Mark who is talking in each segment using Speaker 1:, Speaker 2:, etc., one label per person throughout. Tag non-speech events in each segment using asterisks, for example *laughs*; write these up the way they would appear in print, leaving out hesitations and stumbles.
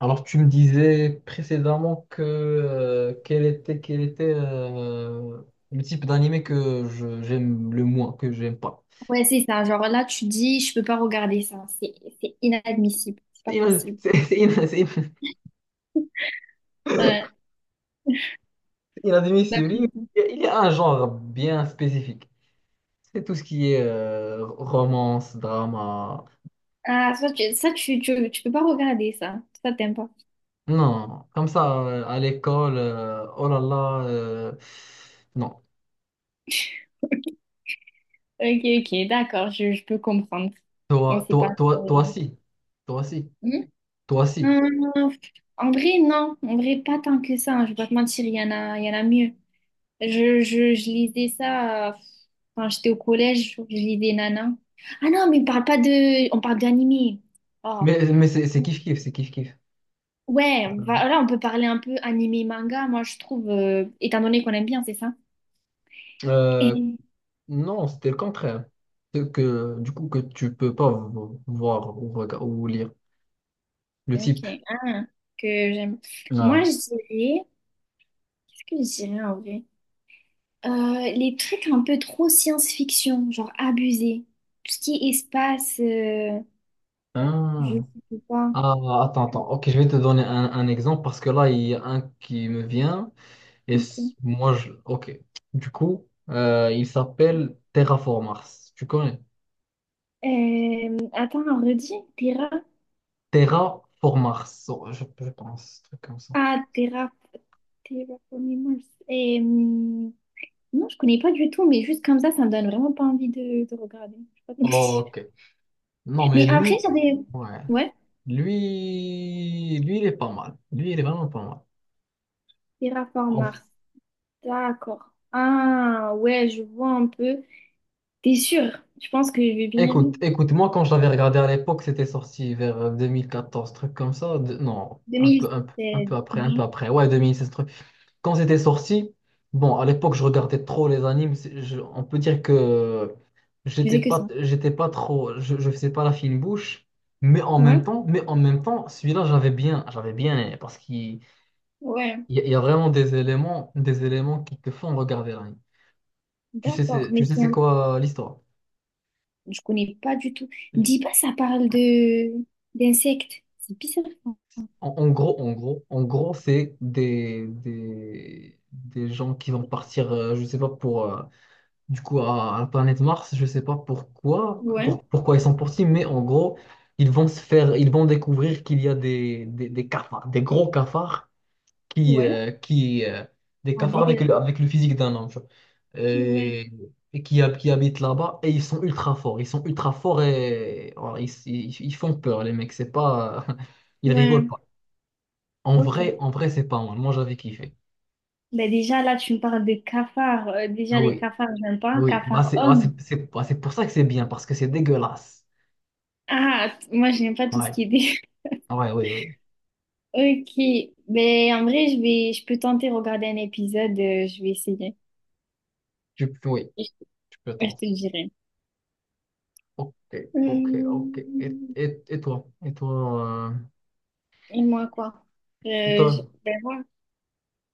Speaker 1: Alors, tu me disais précédemment quel était le type d'animé que j'aime le moins, que j'aime pas.
Speaker 2: Ouais, c'est ça. Genre là, tu dis, je peux pas regarder ça. C'est inadmissible. C'est pas
Speaker 1: *laughs*
Speaker 2: possible.
Speaker 1: C'est
Speaker 2: Ouais. Bah,
Speaker 1: inadmissible. Il y a un genre bien spécifique. C'est tout ce qui est romance, drama.
Speaker 2: ah, ça tu, tu, tu peux pas regarder ça. Ça, t'aimes pas.
Speaker 1: Non, comme ça, à l'école, oh là là, non.
Speaker 2: Ok, ok, d'accord, je peux comprendre. Moi,
Speaker 1: Toi,
Speaker 2: c'est pas
Speaker 1: toi, toi, toi,
Speaker 2: trop…
Speaker 1: si. Toi, si.
Speaker 2: Hmm.
Speaker 1: Toi, si.
Speaker 2: Euh, En vrai, non. En vrai, pas tant que ça, hein. Je vais pas te mentir, il y en a, il y en a mieux. Je lisais ça quand j'étais au collège. Je lisais Nana. Ah non, mais on parle pas de… On parle d'animé. Oh.
Speaker 1: Mais c'est kiff-kiff, c'est kiff-kiff.
Speaker 2: Ouais, on va, là, on peut parler un peu animé manga, moi, je trouve, étant donné qu'on aime bien, c'est ça?
Speaker 1: Euh,
Speaker 2: Et-
Speaker 1: Non, c'était le contraire. C'est que, du coup, que tu peux pas voir ou, ou lire le
Speaker 2: ok,
Speaker 1: type.
Speaker 2: ah, que j'aime. Moi, je
Speaker 1: Non.
Speaker 2: dirais, ce que je dirais en vrai? Les trucs un peu trop science-fiction, genre abusé. Tout ce qui est espace, je
Speaker 1: Ah,
Speaker 2: sais pas.
Speaker 1: Ah, attends. Ok, je vais te donner un exemple parce que là, il y a un qui me vient et
Speaker 2: Ok.
Speaker 1: moi, je... Ok. Du coup, il s'appelle Terraformars. Tu connais?
Speaker 2: Attends, redis, Terra.
Speaker 1: Terraformars, oh, je pense, un truc comme ça.
Speaker 2: Ah, Terra. Terraforming Mars. Et, non, je connais pas du tout, mais juste comme ça me donne vraiment pas envie de regarder. Je sais pas. *laughs*
Speaker 1: Ok. Non, mais
Speaker 2: Mais après,
Speaker 1: lui,
Speaker 2: ça des…
Speaker 1: ouais.
Speaker 2: Ouais,
Speaker 1: Lui, il est pas mal. Lui, il est vraiment pas mal.
Speaker 2: Terraform Mars. D'accord. Ah, ouais, je vois un peu. T'es sûr? Je pense que j'ai bien
Speaker 1: Écoute,
Speaker 2: mis
Speaker 1: écoute, moi quand je l'avais regardé à l'époque, c'était sorti vers 2014, truc comme ça. Non, un peu, un peu, un
Speaker 2: 2016.
Speaker 1: peu après, un peu
Speaker 2: Non,
Speaker 1: après. Ouais, 2016, truc. Quand c'était sorti, bon, à l'époque, je regardais trop les animes. On peut dire que
Speaker 2: je faisais que ça.
Speaker 1: j'étais pas trop, je faisais pas la fine bouche. Mais en même
Speaker 2: Ouais,
Speaker 1: temps, mais en même temps, celui-là, j'avais bien aimé, parce qu'il
Speaker 2: ouais.
Speaker 1: il y a vraiment des éléments qui te font regarder l'anime. Tu sais,
Speaker 2: D'accord.
Speaker 1: tu
Speaker 2: Mais
Speaker 1: sais, c'est
Speaker 2: tiens,
Speaker 1: quoi l'histoire?
Speaker 2: je connais pas du tout. Me dis pas, ça parle de d'insectes. C'est bizarre.
Speaker 1: En gros, c'est des gens qui vont partir, je sais pas pour, à la planète Mars, je sais pas pourquoi,
Speaker 2: Ouais,
Speaker 1: pourquoi ils sont partis, mais en gros, ils vont découvrir qu'il y a des cafards, des gros cafards qui,
Speaker 2: ouais.
Speaker 1: euh, qui, euh, des
Speaker 2: Ah,
Speaker 1: cafards
Speaker 2: dégueulasse.
Speaker 1: avec le physique d'un homme, tu vois.
Speaker 2: Ouais,
Speaker 1: Et, et qui, qui habitent là-bas, et ils sont ultra forts, ils sont ultra forts et voilà, ils font peur, les mecs, c'est pas, *laughs* ils rigolent.
Speaker 2: ouais.
Speaker 1: En vrai,
Speaker 2: Ok.
Speaker 1: en vrai, c'est pas mal. Moi, j'avais kiffé.
Speaker 2: Ben déjà, là, tu me parles de cafards. Déjà, les
Speaker 1: Oui,
Speaker 2: cafards, j'aime pas.
Speaker 1: oui. Bah,
Speaker 2: Cafards
Speaker 1: c'est ah,
Speaker 2: hommes.
Speaker 1: c'est- bah, c'est pour ça que c'est bien, parce que c'est dégueulasse.
Speaker 2: Ah, t- moi, j'aime pas tout ce
Speaker 1: Ouais,
Speaker 2: qui est des
Speaker 1: ouais, oui, oui.
Speaker 2: ok, mais en vrai, je vais, je peux tenter de regarder un épisode, je vais essayer.
Speaker 1: Oui,
Speaker 2: Je, te
Speaker 1: tu peux
Speaker 2: je
Speaker 1: t'en.
Speaker 2: te dirai.
Speaker 1: Ok, ok, ok.
Speaker 2: Hum,
Speaker 1: Et toi? Et toi,
Speaker 2: Et moi, quoi?
Speaker 1: et toi?
Speaker 2: Ben moi,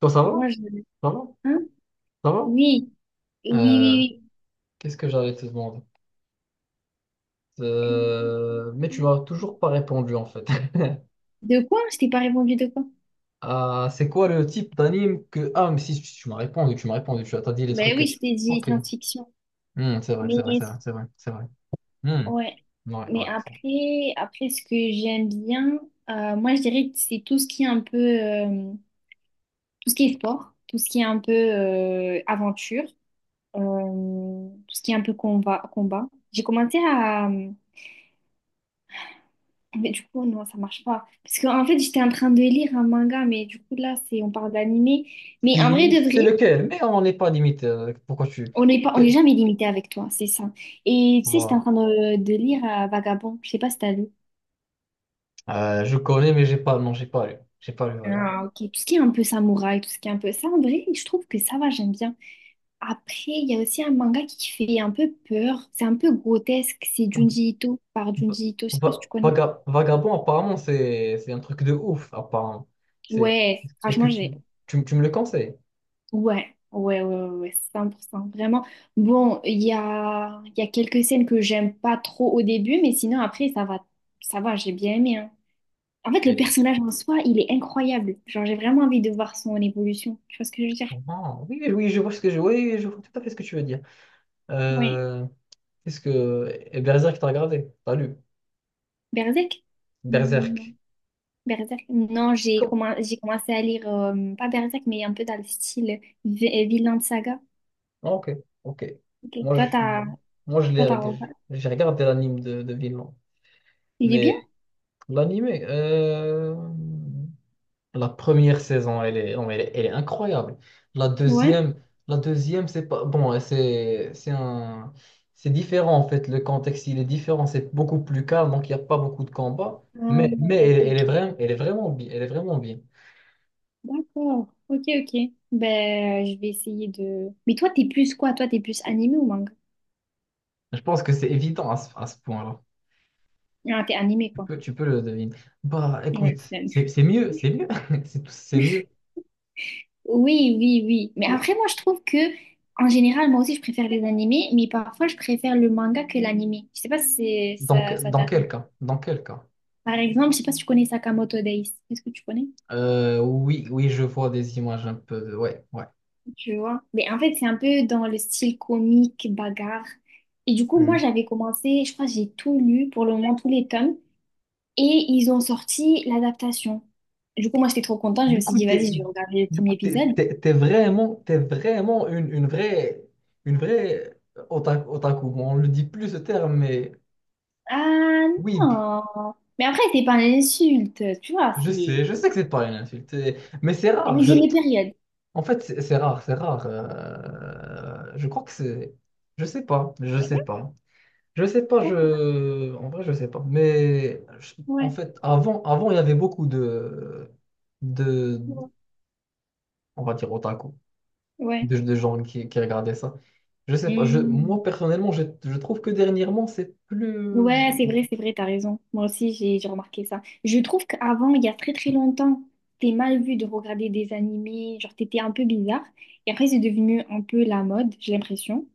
Speaker 1: Toi, ça va?
Speaker 2: moi, je…
Speaker 1: Ça va?
Speaker 2: Hein?
Speaker 1: Ça va?
Speaker 2: Oui, oui,
Speaker 1: Euh,
Speaker 2: oui,
Speaker 1: Qu'est-ce que j'allais te demander?
Speaker 2: oui.
Speaker 1: Mais tu m'as toujours pas répondu, en fait. *laughs*
Speaker 2: De quoi? Je t'ai pas répondu de quoi?
Speaker 1: Ah, c'est quoi le type d'anime que... Ah, mais si, tu m'as répondu, tu m'as répondu, tu as t'as dit les trucs...
Speaker 2: Ben oui, je t'ai dit
Speaker 1: Ok.
Speaker 2: science-fiction.
Speaker 1: Hmm, c'est vrai,
Speaker 2: Mais,
Speaker 1: c'est vrai, c'est vrai, c'est vrai, c'est vrai. Hmm.
Speaker 2: ouais.
Speaker 1: Ouais,
Speaker 2: Mais
Speaker 1: ouais, je vois.
Speaker 2: après, après, ce que j'aime bien, moi, je dirais que c'est tout ce qui est un peu… tout ce qui est sport, tout ce qui est un peu aventure, tout ce qui est un peu combat, combat. J'ai commencé à… Mais du coup, non, ça marche pas. Parce que en fait, j'étais en train de lire un manga, mais du coup, là, c'est, on parle d'animé. Mais en vrai
Speaker 1: Si,
Speaker 2: de
Speaker 1: c'est
Speaker 2: vrai,
Speaker 1: lequel, mais on n'est pas limite. Pourquoi tu.
Speaker 2: on n'est
Speaker 1: que-
Speaker 2: jamais limité avec toi, c'est ça. Et tu sais, j'étais en
Speaker 1: Voilà.
Speaker 2: train de lire Vagabond. Je sais pas si t'as lu.
Speaker 1: Je connais, mais j'ai pas. Non, j'ai pas lu. J'ai pas lu, regarde.
Speaker 2: Ah, ok. Tout ce qui est un peu samouraï, tout ce qui est un peu ça, en vrai, je trouve que ça va, j'aime bien. Après, il y a aussi un manga qui fait un peu peur. C'est un peu grotesque. C'est Junji Ito, par
Speaker 1: Va-
Speaker 2: Junji Ito. Je sais pas si tu connais.
Speaker 1: Vagabond, apparemment, c'est un truc de ouf, apparemment. C'est.
Speaker 2: Ouais,
Speaker 1: Est-ce que
Speaker 2: franchement, j'ai
Speaker 1: tu me le conseilles?
Speaker 2: ouais, ouais, ouais, ouais, ouais, 100%, vraiment. Bon, il y a quelques scènes que j'aime pas trop au début, mais sinon après, ça va, j'ai bien aimé, hein. En fait, le
Speaker 1: Et-
Speaker 2: personnage en soi, il est incroyable. Genre, j'ai vraiment envie de voir son évolution. Tu vois ce que je veux dire?
Speaker 1: Ah, oui, oui, je vois ce que je. Oui, je vois tout à fait ce que tu veux dire.
Speaker 2: Ouais.
Speaker 1: Euh, est-ce que. Et Berserk, t'as regardé? T'as lu?
Speaker 2: Berserk?
Speaker 1: Berserk.
Speaker 2: Non. Berserk? Non, j'ai commencé à lire, pas Berserk, mais un peu dans le style Vinland Saga.
Speaker 1: Ah, ok, ok.
Speaker 2: Ok.
Speaker 1: Moi, je, Moi, je
Speaker 2: Toi,
Speaker 1: l'ai,
Speaker 2: t'as,
Speaker 1: j'ai regardé l'anime de Vinland.
Speaker 2: il est
Speaker 1: Mais
Speaker 2: bien?
Speaker 1: l'anime, la première saison, non, mais elle est incroyable. La
Speaker 2: Ouais.
Speaker 1: deuxième, la deuxième, c'est pas, bon, c'est différent en fait. Le contexte, il est différent. C'est beaucoup plus calme, donc il n'y a pas beaucoup de combats.
Speaker 2: Ah,
Speaker 1: Mais
Speaker 2: ok,
Speaker 1: elle,
Speaker 2: ok.
Speaker 1: elle est vraiment bien, elle est vraiment bien.
Speaker 2: D'accord. Ok, ok. Ben, je vais essayer de… Mais toi, t'es plus quoi? Toi, t'es plus animé ou manga?
Speaker 1: Je pense que c'est évident à ce point-là.
Speaker 2: Ah, t'es animé, quoi.
Speaker 1: Tu peux le deviner. Bah,
Speaker 2: Ouais,
Speaker 1: écoute,
Speaker 2: c'est animé.
Speaker 1: c'est mieux, *laughs* c'est mieux.
Speaker 2: Oui, oui, oui. Mais
Speaker 1: Oui.
Speaker 2: après, moi, je trouve que, en général, moi aussi, je préfère les animés, mais parfois, je préfère le manga que l'animé. Je sais pas si c'est-
Speaker 1: Donc,
Speaker 2: ça
Speaker 1: dans
Speaker 2: t'arrive.
Speaker 1: quel cas? Dans quel cas?
Speaker 2: Par exemple, je sais pas si tu connais Sakamoto Days. Est-ce que tu connais?
Speaker 1: Oui, oui, je vois des images un peu de... Ouais, ouais.
Speaker 2: Tu vois? Mais en fait, c'est un peu dans le style comique, bagarre. Et du coup, moi,
Speaker 1: Hmm.
Speaker 2: j'avais commencé, je crois, que j'ai tout lu, pour le moment, tous les tomes. Et ils ont sorti l'adaptation. Du coup, moi, j'étais trop contente. Je me
Speaker 1: Du
Speaker 2: suis
Speaker 1: coup,
Speaker 2: dit, vas-y,
Speaker 1: t'es,
Speaker 2: je vais regarder le premier épisode.
Speaker 1: T'es vraiment, t'es vraiment une vraie otaku. Otaku. Bon, on le dit plus ce terme, mais
Speaker 2: Ah
Speaker 1: oui,
Speaker 2: non! Mais après, c'est pas une insulte, tu vois, c'est…
Speaker 1: je sais que c'est pas une insulte, mais c'est rare.
Speaker 2: Mais j'ai les périodes.
Speaker 1: En fait, c'est rare, c'est rare. Je crois que c'est, je sais pas, je sais pas. Je sais pas, je... en vrai, je sais pas. En
Speaker 2: Ouais,
Speaker 1: fait, avant, avant, il y avait beaucoup de,
Speaker 2: ouais.
Speaker 1: on va dire otaku,
Speaker 2: Ouais,
Speaker 1: de gens qui regardaient ça. Je sais pas, je, moi
Speaker 2: mhm.
Speaker 1: personnellement, je trouve que dernièrement, c'est plus...
Speaker 2: Ouais, c'est vrai, t'as raison. Moi aussi, j'ai remarqué ça. Je trouve qu'avant, il y a très très longtemps, c'était mal vu de regarder des animés, genre t'étais un peu bizarre. Et après, c'est devenu un peu la mode, j'ai l'impression,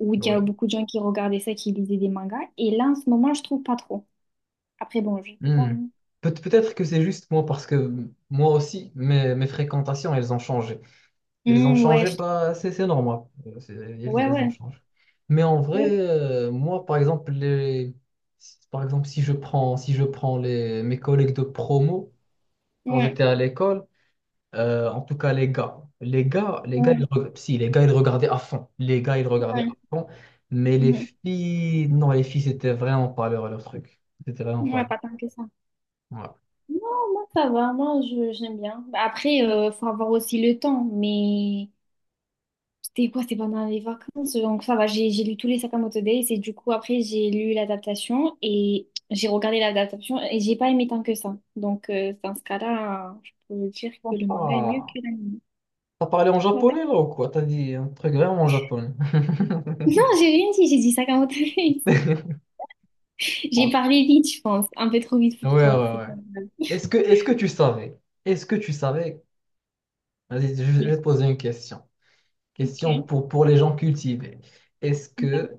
Speaker 2: où il y a
Speaker 1: Oui.
Speaker 2: beaucoup de gens qui regardaient ça, qui lisaient des mangas. Et là, en ce moment, je trouve pas trop. Après, bon, je sais pas,
Speaker 1: Hmm.
Speaker 2: hein.
Speaker 1: Peut-être que c'est juste moi parce que moi aussi, mes fréquentations, elles ont changé. Elles ont
Speaker 2: Hmm, ouais,
Speaker 1: changé,
Speaker 2: je-
Speaker 1: pas c'est c'est normal. Elles,
Speaker 2: ouais,
Speaker 1: elles ont
Speaker 2: ouais,
Speaker 1: changé. Mais en vrai,
Speaker 2: ouais,
Speaker 1: moi, par exemple, les, si- par exemple, si je prends mes collègues de promo, quand
Speaker 2: ouais,
Speaker 1: j'étais à l'école, en tout cas, les gars,
Speaker 2: ouais,
Speaker 1: si, les gars, ils regardaient à fond. Les gars, ils regardaient à
Speaker 2: ouais,
Speaker 1: fond. Mais les
Speaker 2: mhm.
Speaker 1: filles, non, les filles, c'était vraiment pas leur, leur truc. C'était vraiment pas
Speaker 2: Ouais,
Speaker 1: leur.
Speaker 2: pas tant que ça.
Speaker 1: Voilà.
Speaker 2: Non, moi, ça va. Moi, je, j'aime bien. Bah, après, faut avoir aussi le temps. Mais c'était quoi? C'était pendant les vacances. Donc, ça va. J'ai lu tous les Sakamoto Days. Et du coup, après, j'ai lu l'adaptation et j'ai regardé l'adaptation et j'ai pas aimé tant que ça. Donc, dans ce cas-là, je peux dire que le manga est mieux
Speaker 1: Ah,
Speaker 2: que l'anime.
Speaker 1: t'as parlé en
Speaker 2: Ouais, ouais.
Speaker 1: japonais, là, ou quoi? T'as dit un truc vraiment en japonais.
Speaker 2: Non, j'ai rien dit, j'ai dit ça comme autorise.
Speaker 1: *laughs*
Speaker 2: J'ai
Speaker 1: Ouais,
Speaker 2: parlé vite, je pense. Un peu trop vite
Speaker 1: ouais,
Speaker 2: pour toi, c'est pas
Speaker 1: ouais.
Speaker 2: grave.
Speaker 1: Est-ce que tu savais, est-ce que tu savais, vas-y, je
Speaker 2: Mais
Speaker 1: vais te poser une question, question
Speaker 2: ok,
Speaker 1: pour les gens cultivés. Est-ce
Speaker 2: d'accord,
Speaker 1: que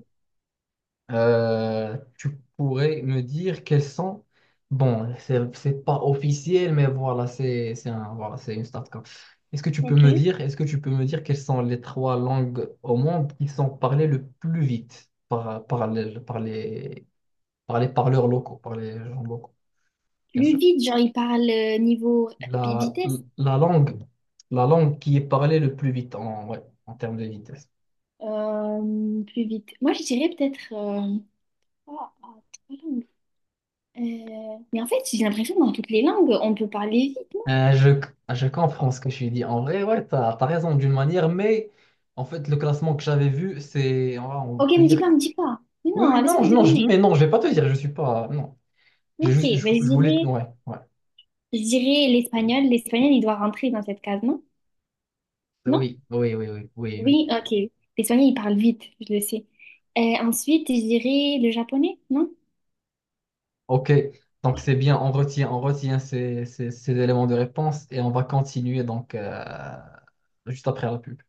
Speaker 1: tu pourrais me dire quels sont, bon, c'est pas officiel, mais voilà, voilà, c'est une start quoi.
Speaker 2: ok.
Speaker 1: Est-ce que tu peux me dire quelles sont les 3 langues au monde qui sont parlées le plus vite par les parleurs locaux, par les gens locaux, bien
Speaker 2: Plus
Speaker 1: sûr.
Speaker 2: vite, genre, il parle niveau
Speaker 1: La,
Speaker 2: vitesse.
Speaker 1: la langue, la langue qui est parlée le plus vite en, ouais, en termes de vitesse.
Speaker 2: Plus vite. Moi, je dirais peut-être… ah, ah, trois langues. Mais en fait, j'ai l'impression que dans toutes les langues, on peut parler vite, non?
Speaker 1: Euh, je, je comprends ce que je dis. En vrai, ouais, t'as raison d'une manière, mais en fait, le classement que j'avais vu, c'est, on
Speaker 2: Ok,
Speaker 1: peut
Speaker 2: me dis
Speaker 1: dire
Speaker 2: pas,
Speaker 1: que...
Speaker 2: me dis pas. Mais
Speaker 1: Oui,
Speaker 2: non,
Speaker 1: oui, non,
Speaker 2: laisse-moi
Speaker 1: mais
Speaker 2: deviner.
Speaker 1: non, je vais pas te dire, je suis pas, non. J'ai
Speaker 2: Ok,
Speaker 1: juste,
Speaker 2: ben,
Speaker 1: je voulais, ouais, ouais.
Speaker 2: je dirais l'espagnol. L'espagnol, il doit rentrer dans cette case, non? Non?
Speaker 1: Oui, oui, oui, oui, oui, oui.
Speaker 2: Oui, ok. Les soignants, ils parlent vite, je le sais. Ensuite, je dirais le japonais, non?
Speaker 1: Ok, donc c'est bien, on retient ces éléments de réponse et on va continuer donc juste après la pub.